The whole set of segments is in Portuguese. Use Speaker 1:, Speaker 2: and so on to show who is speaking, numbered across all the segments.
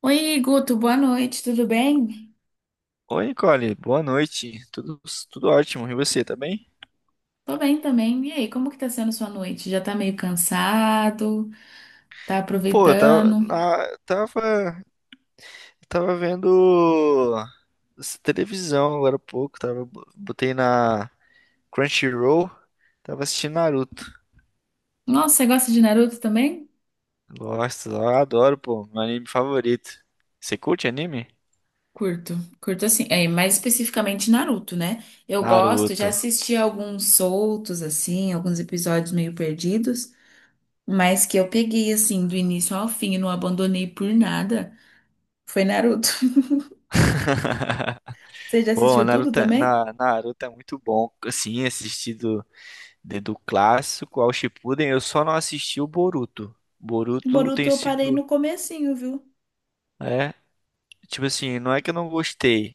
Speaker 1: Oi, Guto, boa noite, tudo bem?
Speaker 2: Oi, Nicole, boa noite. Tudo ótimo. E você, tá bem?
Speaker 1: Tô bem também. E aí, como que tá sendo sua noite? Já tá meio cansado? Tá
Speaker 2: Pô, eu tava,
Speaker 1: aproveitando?
Speaker 2: na- tava, tava vendo televisão agora há pouco. Botei na Crunchyroll, tava assistindo Naruto.
Speaker 1: Nossa, você gosta de Naruto também?
Speaker 2: Gosto, eu adoro, pô, meu anime favorito. Você curte anime?
Speaker 1: Curto, curto assim, é, mais especificamente Naruto, né? Eu gosto, já
Speaker 2: Naruto.
Speaker 1: assisti alguns soltos, assim, alguns episódios meio perdidos, mas que eu peguei, assim, do início ao fim e não abandonei por nada, foi Naruto. Você já
Speaker 2: Pô,
Speaker 1: assistiu tudo
Speaker 2: Naruto, é-
Speaker 1: também?
Speaker 2: na, Naruto é muito bom, assim, assistido do clássico ao Shippuden, eu só não assisti o Boruto. Boruto
Speaker 1: Boruto
Speaker 2: tem
Speaker 1: eu parei
Speaker 2: sido.
Speaker 1: no comecinho, viu?
Speaker 2: É, tipo assim, não é que eu não gostei.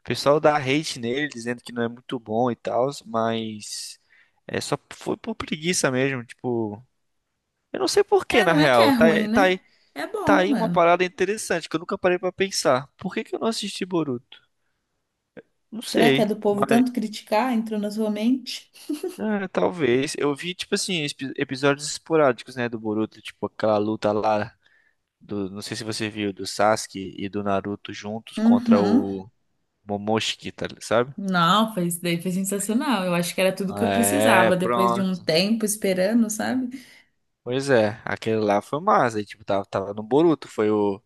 Speaker 2: O pessoal dá hate nele, dizendo que não é muito bom e tal, mas é só foi por preguiça mesmo, tipo, eu não sei por que
Speaker 1: É,
Speaker 2: na
Speaker 1: não é que é
Speaker 2: real. Tá,
Speaker 1: ruim,
Speaker 2: aí- tá aí,
Speaker 1: né? É
Speaker 2: tá
Speaker 1: bom,
Speaker 2: aí uma
Speaker 1: mano.
Speaker 2: parada interessante que eu nunca parei pra pensar. Por que que eu não assisti Boruto? Não
Speaker 1: Será que é
Speaker 2: sei,
Speaker 1: do povo
Speaker 2: mas
Speaker 1: tanto criticar? Entrou na sua mente?
Speaker 2: talvez. Eu vi tipo assim episódios esporádicos, né, do Boruto, tipo aquela luta lá do, não sei se você viu, do Sasuke e do Naruto juntos contra
Speaker 1: Uhum.
Speaker 2: o Momoshiki, tá, sabe?
Speaker 1: Não, foi, isso daí foi sensacional. Eu acho que era tudo que eu
Speaker 2: É,
Speaker 1: precisava depois de um
Speaker 2: pronto.
Speaker 1: tempo esperando, sabe?
Speaker 2: Pois é, aquele lá foi massa. E, tipo, tava no Boruto. Foi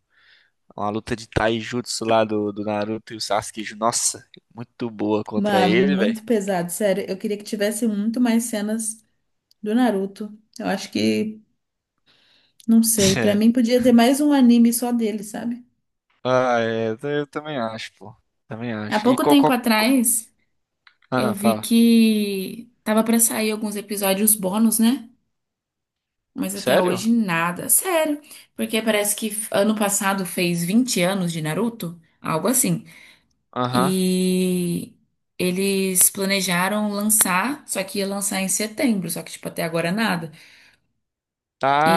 Speaker 2: uma luta de Taijutsu lá do Naruto e o Sasuke. Nossa, muito boa contra
Speaker 1: Mano,
Speaker 2: ele, velho.
Speaker 1: muito pesado, sério. Eu queria que tivesse muito mais cenas do Naruto. Eu acho que, não sei, pra mim podia ter mais um anime só dele, sabe?
Speaker 2: Ah, é, eu também acho, pô. Também
Speaker 1: Há
Speaker 2: acho. E
Speaker 1: pouco tempo atrás, eu
Speaker 2: Ah,
Speaker 1: vi
Speaker 2: fala.
Speaker 1: que tava pra sair alguns episódios bônus, né? Mas até
Speaker 2: Sério?
Speaker 1: hoje nada. Sério. Porque parece que ano passado fez 20 anos de Naruto, algo assim.
Speaker 2: Aham.
Speaker 1: E eles planejaram lançar, só que ia lançar em setembro, só que tipo até agora nada.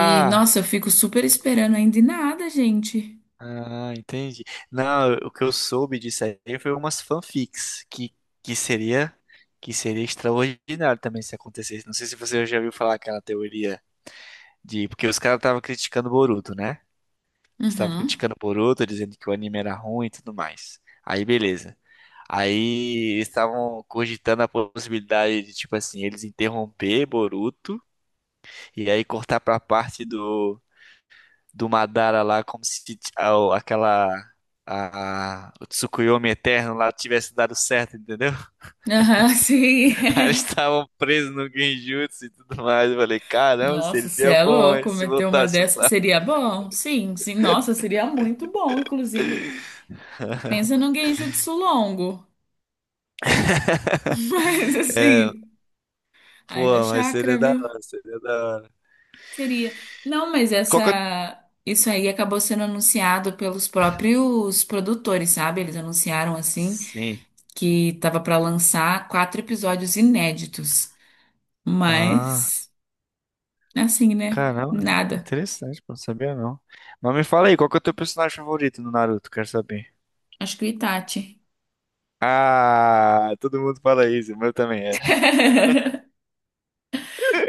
Speaker 1: E nossa, eu fico super esperando ainda e nada, gente.
Speaker 2: ah, entendi. Não, o que eu soube disso aí foi umas fanfics que seria que seria extraordinário também se acontecesse. Não sei se você já ouviu falar aquela teoria. De, porque os caras estavam criticando o Boruto, né? Estavam
Speaker 1: Uhum.
Speaker 2: criticando o Boruto, dizendo que o anime era ruim e tudo mais. Aí, beleza. Aí eles estavam cogitando a possibilidade de, tipo assim, eles interromper Boruto e aí cortar pra parte do, do Madara lá, como se aquela, o Tsukuyomi Eterno lá tivesse dado certo, entendeu?
Speaker 1: Aham,
Speaker 2: Aí eles
Speaker 1: sim.
Speaker 2: estavam presos no Genjutsu e tudo mais. Eu falei, caramba,
Speaker 1: Nossa, você
Speaker 2: seria
Speaker 1: é
Speaker 2: bom hein,
Speaker 1: louco,
Speaker 2: se
Speaker 1: meter uma
Speaker 2: voltasse
Speaker 1: dessa
Speaker 2: lá.
Speaker 1: seria bom? Sim, sim. Nossa, seria muito bom, inclusive. Pensa num genjutsu longo. Mas
Speaker 2: É,
Speaker 1: assim, haja
Speaker 2: pô, mas
Speaker 1: Chakra,
Speaker 2: seria da
Speaker 1: viu?
Speaker 2: hora, seria da hora.
Speaker 1: Seria. Não, mas
Speaker 2: Qual que é.
Speaker 1: essa. Isso aí acabou sendo anunciado pelos próprios produtores, sabe? Eles anunciaram assim
Speaker 2: Sim.
Speaker 1: que tava pra lançar quatro episódios inéditos.
Speaker 2: Ah,
Speaker 1: Mas, assim, né?
Speaker 2: caramba.
Speaker 1: Nada.
Speaker 2: Interessante, pô, não sabia não. Mas me fala aí, qual que é o teu personagem favorito no Naruto? Quero saber.
Speaker 1: Acho que o Itachi.
Speaker 2: Ah, todo mundo fala isso, o meu também é.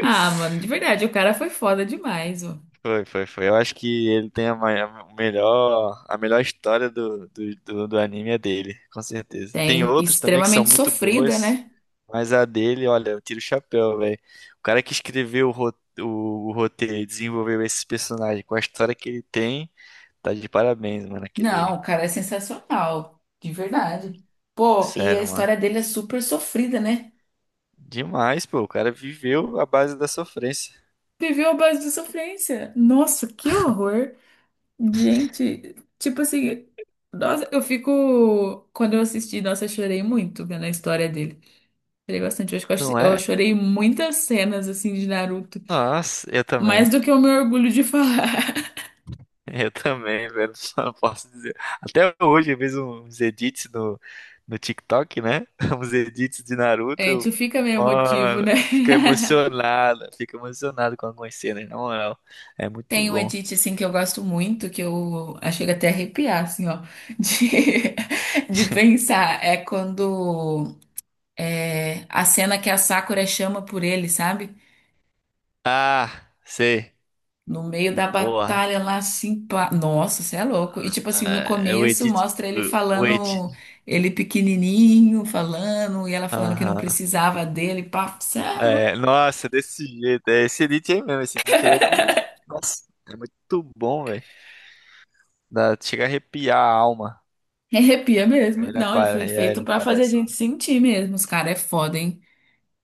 Speaker 1: Ah, mano, de verdade, o cara foi foda demais, ó.
Speaker 2: Foi, foi, foi. Eu acho que ele tem a melhor história do anime é dele, com certeza. Tem
Speaker 1: Tem
Speaker 2: outros também que são
Speaker 1: extremamente
Speaker 2: muito
Speaker 1: sofrida,
Speaker 2: boas.
Speaker 1: né?
Speaker 2: Mas a dele, olha, eu tiro o chapéu, velho. O cara que escreveu o roteiro e desenvolveu esse personagem com a história que ele tem, tá de parabéns, mano.
Speaker 1: Não,
Speaker 2: Aquele.
Speaker 1: o cara é sensacional, de verdade. Pô, e a
Speaker 2: Sério, mano.
Speaker 1: história dele é super sofrida, né?
Speaker 2: Demais, pô. O cara viveu a base da sofrência,
Speaker 1: Viveu à base de sofrência. Nossa, que horror. Gente, tipo assim, nossa, eu fico. Quando eu assisti, nossa, eu chorei muito vendo a história dele. Chorei bastante. Eu acho que eu
Speaker 2: não
Speaker 1: eu
Speaker 2: é?
Speaker 1: chorei muitas cenas, assim, de Naruto.
Speaker 2: Nossa, eu
Speaker 1: Mais
Speaker 2: também.
Speaker 1: do que o meu orgulho de falar.
Speaker 2: Eu também, velho. Só posso dizer. Até hoje eu vejo uns edits no TikTok, né? Uns edits de
Speaker 1: A
Speaker 2: Naruto.
Speaker 1: gente fica meio emotivo,
Speaker 2: Mano,
Speaker 1: né?
Speaker 2: fica emocionado. Fica emocionado com algumas cenas, na moral. É muito
Speaker 1: Tem um
Speaker 2: bom.
Speaker 1: edit, assim, que eu gosto muito, que eu ah, chego até a arrepiar, assim, ó, de, de pensar. É quando. É, a cena que a Sakura chama por ele, sabe?
Speaker 2: Ah, sei.
Speaker 1: No meio da
Speaker 2: Boa.
Speaker 1: batalha lá, assim, pá. Nossa, você é louco. E tipo assim, no
Speaker 2: É, o
Speaker 1: começo
Speaker 2: Edit.
Speaker 1: mostra ele
Speaker 2: O Edit.
Speaker 1: falando, ele pequenininho falando, e ela falando que não
Speaker 2: Aham.
Speaker 1: precisava dele, pá, você é louco.
Speaker 2: É, nossa, desse jeito. É, esse Edit aí mesmo. Esse Edit aí é do. Nossa, é muito bom, velho. Chega a arrepiar a alma.
Speaker 1: Arrepia
Speaker 2: Aí
Speaker 1: mesmo.
Speaker 2: Ele
Speaker 1: Não, ele
Speaker 2: apare-
Speaker 1: foi
Speaker 2: aí
Speaker 1: feito
Speaker 2: ele
Speaker 1: pra fazer a
Speaker 2: aparece lá.
Speaker 1: gente sentir mesmo. Os caras é foda, hein?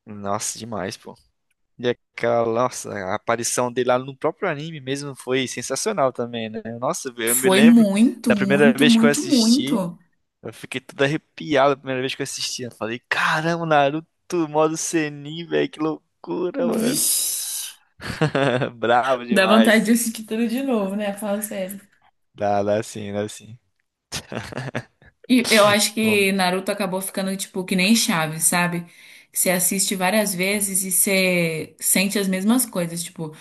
Speaker 2: Nossa, demais, pô. E aquela, nossa, a aparição dele lá no próprio anime mesmo foi sensacional também, né? Nossa, eu me
Speaker 1: Foi
Speaker 2: lembro
Speaker 1: muito,
Speaker 2: da primeira
Speaker 1: muito,
Speaker 2: vez que eu
Speaker 1: muito,
Speaker 2: assisti.
Speaker 1: muito.
Speaker 2: Eu fiquei todo arrepiado a primeira vez que eu assisti. Eu falei, caramba, Naruto, modo Sennin, velho, que loucura, mano.
Speaker 1: Vixe.
Speaker 2: Bravo
Speaker 1: Dá vontade de
Speaker 2: demais.
Speaker 1: assistir tudo de novo, né? Fala sério.
Speaker 2: Dá sim, dá sim.
Speaker 1: E eu acho
Speaker 2: Bom,
Speaker 1: que Naruto acabou ficando tipo que nem Chaves, sabe? Você assiste várias vezes e você sente as mesmas coisas. Tipo,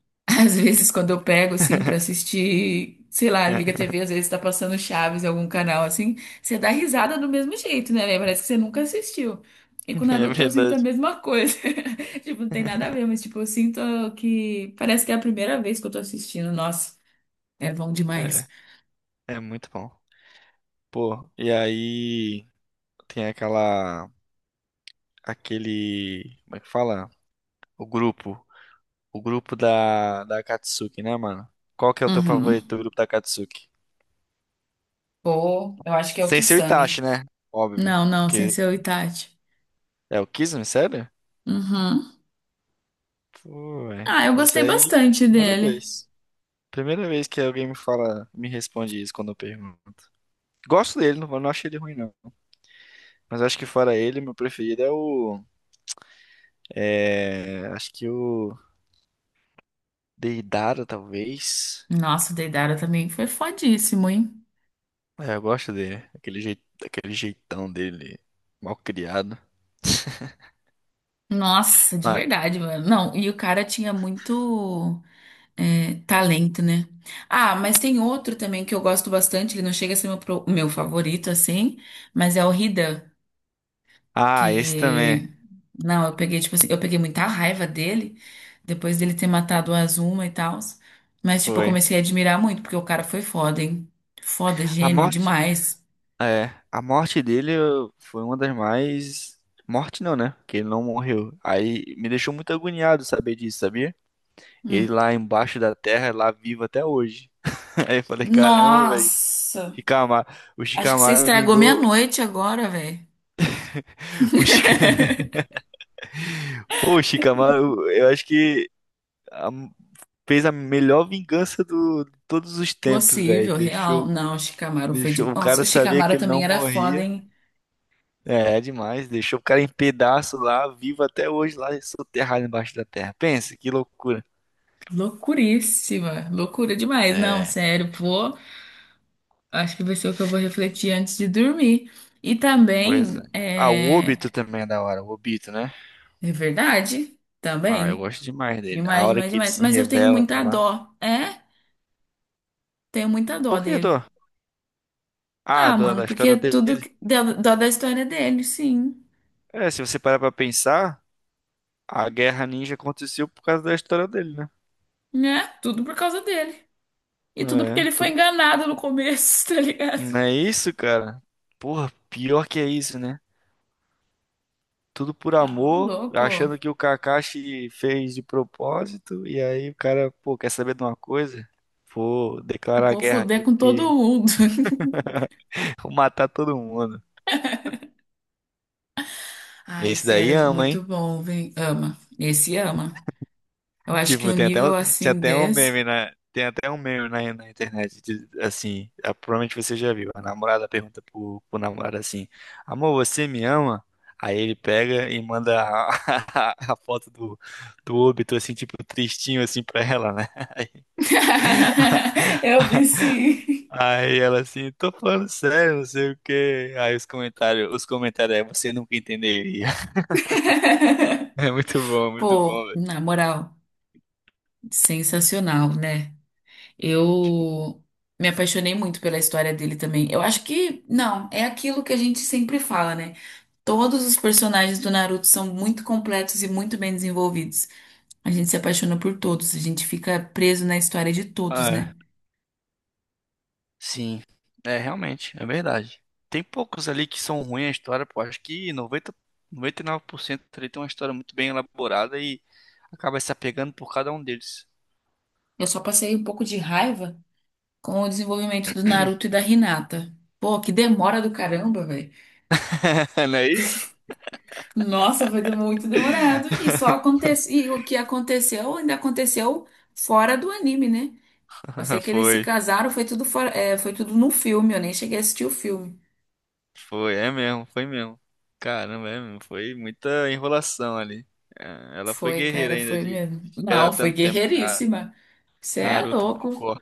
Speaker 1: às vezes quando eu pego assim pra assistir, sei lá, liga a TV, às vezes tá passando Chaves em algum canal assim, você dá risada do mesmo jeito, né? Parece que você nunca assistiu. E com
Speaker 2: é
Speaker 1: Naruto eu sinto a
Speaker 2: verdade.
Speaker 1: mesma coisa. Tipo, não tem nada a ver, mas tipo, eu sinto que parece que é a primeira vez que eu tô assistindo. Nossa, é bom demais.
Speaker 2: É muito bom. Pô, e aí tem aquele, como é que fala? O grupo, o grupo da Akatsuki, né, mano? Qual que é o teu
Speaker 1: Uhum.
Speaker 2: favorito do grupo da Akatsuki?
Speaker 1: Pô, eu acho que é o
Speaker 2: Sem ser o Itachi,
Speaker 1: Kisame.
Speaker 2: né? Óbvio.
Speaker 1: Não, não, sem
Speaker 2: Porque
Speaker 1: ser o Itachi.
Speaker 2: é o Kizumi, sério?
Speaker 1: Uhum.
Speaker 2: Pô, é.
Speaker 1: Ah, eu
Speaker 2: Isso
Speaker 1: gostei
Speaker 2: aí,
Speaker 1: bastante
Speaker 2: primeira
Speaker 1: dele.
Speaker 2: vez. Primeira vez que alguém me fala, me responde isso quando eu pergunto. Gosto dele, não, não acho ele ruim, não. Mas acho que fora ele, meu preferido é o. É. Acho que o Deidara, talvez.
Speaker 1: Nossa, o Deidara também foi fodíssimo, hein?
Speaker 2: É, eu gosto dele. Aquele jeito, aquele jeitão dele, mal criado.
Speaker 1: Nossa, de
Speaker 2: Ah,
Speaker 1: verdade, mano. Não, e o cara tinha muito é, talento, né? Ah, mas tem outro também que eu gosto bastante. Ele não chega a ser meu, meu favorito, assim, mas é o Hidan.
Speaker 2: ah, esse também.
Speaker 1: Que. Não, eu peguei, tipo assim, eu peguei muita raiva dele, depois dele ter matado o Azuma e tal. Mas, tipo, eu
Speaker 2: Foi.
Speaker 1: comecei a admirar muito, porque o cara foi foda, hein? Foda,
Speaker 2: A
Speaker 1: gênio
Speaker 2: morte.
Speaker 1: demais.
Speaker 2: É. A morte dele foi uma das mais. Morte não, né? Porque ele não morreu. Aí me deixou muito agoniado saber disso, sabia? Ele
Speaker 1: Hum.
Speaker 2: lá embaixo da terra, lá vivo até hoje. Aí eu falei, caramba, velho.
Speaker 1: Nossa!
Speaker 2: Shikamaru, o
Speaker 1: Acho que você
Speaker 2: Shikamaru
Speaker 1: estragou minha
Speaker 2: vingou.
Speaker 1: noite agora, velho.
Speaker 2: O Shik. Pô, o Shikamaru, eu acho que a- fez a melhor vingança do de todos os tempos, velho.
Speaker 1: Possível, real.
Speaker 2: Deixou,
Speaker 1: Não, o Shikamaru foi de.
Speaker 2: deixou o
Speaker 1: Nossa,
Speaker 2: cara
Speaker 1: o
Speaker 2: sabia que
Speaker 1: Shikamaru
Speaker 2: ele
Speaker 1: também
Speaker 2: não
Speaker 1: era foda,
Speaker 2: morria.
Speaker 1: hein?
Speaker 2: É demais. Deixou o cara em pedaço lá, vivo até hoje, lá soterrado embaixo da terra. Pensa, que loucura.
Speaker 1: Loucuríssima. Loucura demais. Não,
Speaker 2: É,
Speaker 1: sério, pô. Acho que vai ser o que eu vou refletir antes de dormir. E
Speaker 2: pois é.
Speaker 1: também,
Speaker 2: Ah, o
Speaker 1: é,
Speaker 2: Obito também é da hora, o Obito, né?
Speaker 1: é verdade,
Speaker 2: Ah, eu
Speaker 1: também.
Speaker 2: gosto demais dele. A
Speaker 1: Demais,
Speaker 2: hora
Speaker 1: demais,
Speaker 2: que ele
Speaker 1: demais.
Speaker 2: se
Speaker 1: Mas eu tenho
Speaker 2: revela
Speaker 1: muita
Speaker 2: lá.
Speaker 1: dó. É? Tenho muita dó
Speaker 2: Por que do?
Speaker 1: dele.
Speaker 2: Ah,
Speaker 1: Ah, mano,
Speaker 2: da
Speaker 1: porque
Speaker 2: história dele.
Speaker 1: tudo dó da história dele, sim.
Speaker 2: É, se você parar pra pensar, a Guerra Ninja aconteceu por causa da história dele, né?
Speaker 1: Né? Tudo por causa dele. E tudo porque
Speaker 2: É,
Speaker 1: ele foi
Speaker 2: tudo.
Speaker 1: enganado no começo, tá ligado?
Speaker 2: Não é isso, cara? Porra, pior que é isso, né? Tudo por
Speaker 1: Ah, ô
Speaker 2: amor,
Speaker 1: louco.
Speaker 2: achando que o Kakashi fez de propósito, e aí o cara, pô, quer saber de uma coisa? Vou declarar
Speaker 1: Vou
Speaker 2: guerra
Speaker 1: foder
Speaker 2: aqui
Speaker 1: com todo
Speaker 2: porque
Speaker 1: mundo.
Speaker 2: vou matar todo mundo.
Speaker 1: Ai,
Speaker 2: Esse daí
Speaker 1: sério,
Speaker 2: ama, hein?
Speaker 1: muito bom, vem. Ama. Esse ama. Eu acho que
Speaker 2: Tipo,
Speaker 1: um nível assim desse.
Speaker 2: tem até um meme na internet, assim, ah, provavelmente você já viu. A namorada pergunta pro, namorado assim: Amor, você me ama? Aí ele pega e manda a, a foto do óbito, assim, tipo, tristinho, assim, pra ela, né?
Speaker 1: Eu vi sim.
Speaker 2: Aí ela assim, tô falando sério, não sei o quê. Aí os comentários é, você nunca entenderia. É muito
Speaker 1: Pô,
Speaker 2: bom, velho.
Speaker 1: na moral, sensacional, né? Eu me apaixonei muito pela história dele também. Eu acho que, não, é aquilo que a gente sempre fala, né? Todos os personagens do Naruto são muito completos e muito bem desenvolvidos. A gente se apaixona por todos, a gente fica preso na história de todos,
Speaker 2: Ah,
Speaker 1: né?
Speaker 2: sim, é realmente, é verdade. Tem poucos ali que são ruins a história, pô. Acho que noventa e nove por cento ali tem uma história muito bem elaborada e acaba se apegando por cada um deles.
Speaker 1: Eu só passei um pouco de raiva com o desenvolvimento do Naruto e da Hinata. Pô, que demora do caramba.
Speaker 2: Não é isso?
Speaker 1: Nossa, foi muito demorado. E só aconteceu. E o que aconteceu ainda aconteceu fora do anime, né? Eu sei que eles se
Speaker 2: Foi,
Speaker 1: casaram, foi tudo fora, é, foi tudo no filme, eu nem cheguei a assistir o filme.
Speaker 2: foi, é mesmo, foi mesmo. Caramba, é mesmo, foi muita enrolação ali. É, ela foi
Speaker 1: Foi,
Speaker 2: guerreira
Speaker 1: cara,
Speaker 2: ainda
Speaker 1: foi
Speaker 2: de
Speaker 1: mesmo.
Speaker 2: esperar
Speaker 1: Não, foi
Speaker 2: tanto tempo na.
Speaker 1: guerreiríssima. Você é
Speaker 2: Naruto
Speaker 1: louco.
Speaker 2: Bocó.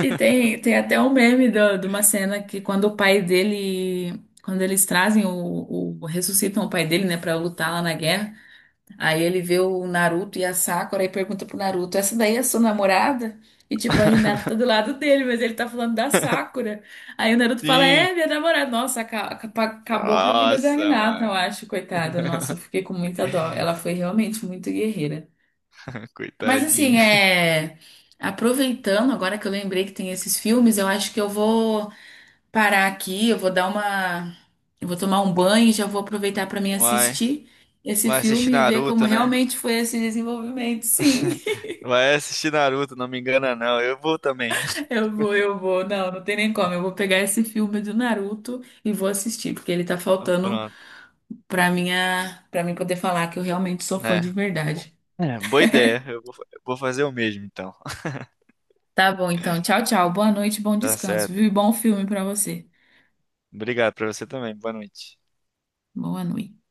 Speaker 1: E tem até um meme de uma cena que quando o pai dele. Quando eles trazem ressuscitam o pai dele, né, pra lutar lá na guerra. Aí ele vê o Naruto e a Sakura e pergunta pro Naruto: Essa daí é sua namorada? E tipo, a Hinata tá do lado dele, mas ele tá falando da Sakura. Aí o Naruto fala:
Speaker 2: Sim!
Speaker 1: É, minha namorada. Nossa, acabou com a vida da
Speaker 2: Nossa,
Speaker 1: Hinata, eu
Speaker 2: mano.
Speaker 1: acho, coitada. Nossa, eu fiquei com muita dó. Ela foi realmente muito guerreira. Mas assim,
Speaker 2: Coitadinha.
Speaker 1: é. Aproveitando, agora que eu lembrei que tem esses filmes, eu acho que eu vou parar aqui, eu vou tomar um banho e já vou aproveitar para mim
Speaker 2: Vai,
Speaker 1: assistir esse
Speaker 2: vai assistir
Speaker 1: filme e ver como
Speaker 2: Naruto, né?
Speaker 1: realmente foi esse desenvolvimento. Sim,
Speaker 2: Vai assistir Naruto, não me engana não. Eu vou também.
Speaker 1: eu vou. Não, não tem nem como. Eu vou pegar esse filme do Naruto e vou assistir, porque ele tá
Speaker 2: Ah,
Speaker 1: faltando
Speaker 2: pronto,
Speaker 1: para minha, para mim poder falar que eu realmente sou fã
Speaker 2: né?
Speaker 1: de
Speaker 2: Pô,
Speaker 1: verdade.
Speaker 2: é, boa ideia. Eu vou fazer o mesmo então.
Speaker 1: Tá bom, então. Tchau, tchau. Boa noite, bom
Speaker 2: Tá
Speaker 1: descanso,
Speaker 2: certo.
Speaker 1: viu? E bom filme para você.
Speaker 2: Obrigado pra você também. Boa noite.
Speaker 1: Boa noite.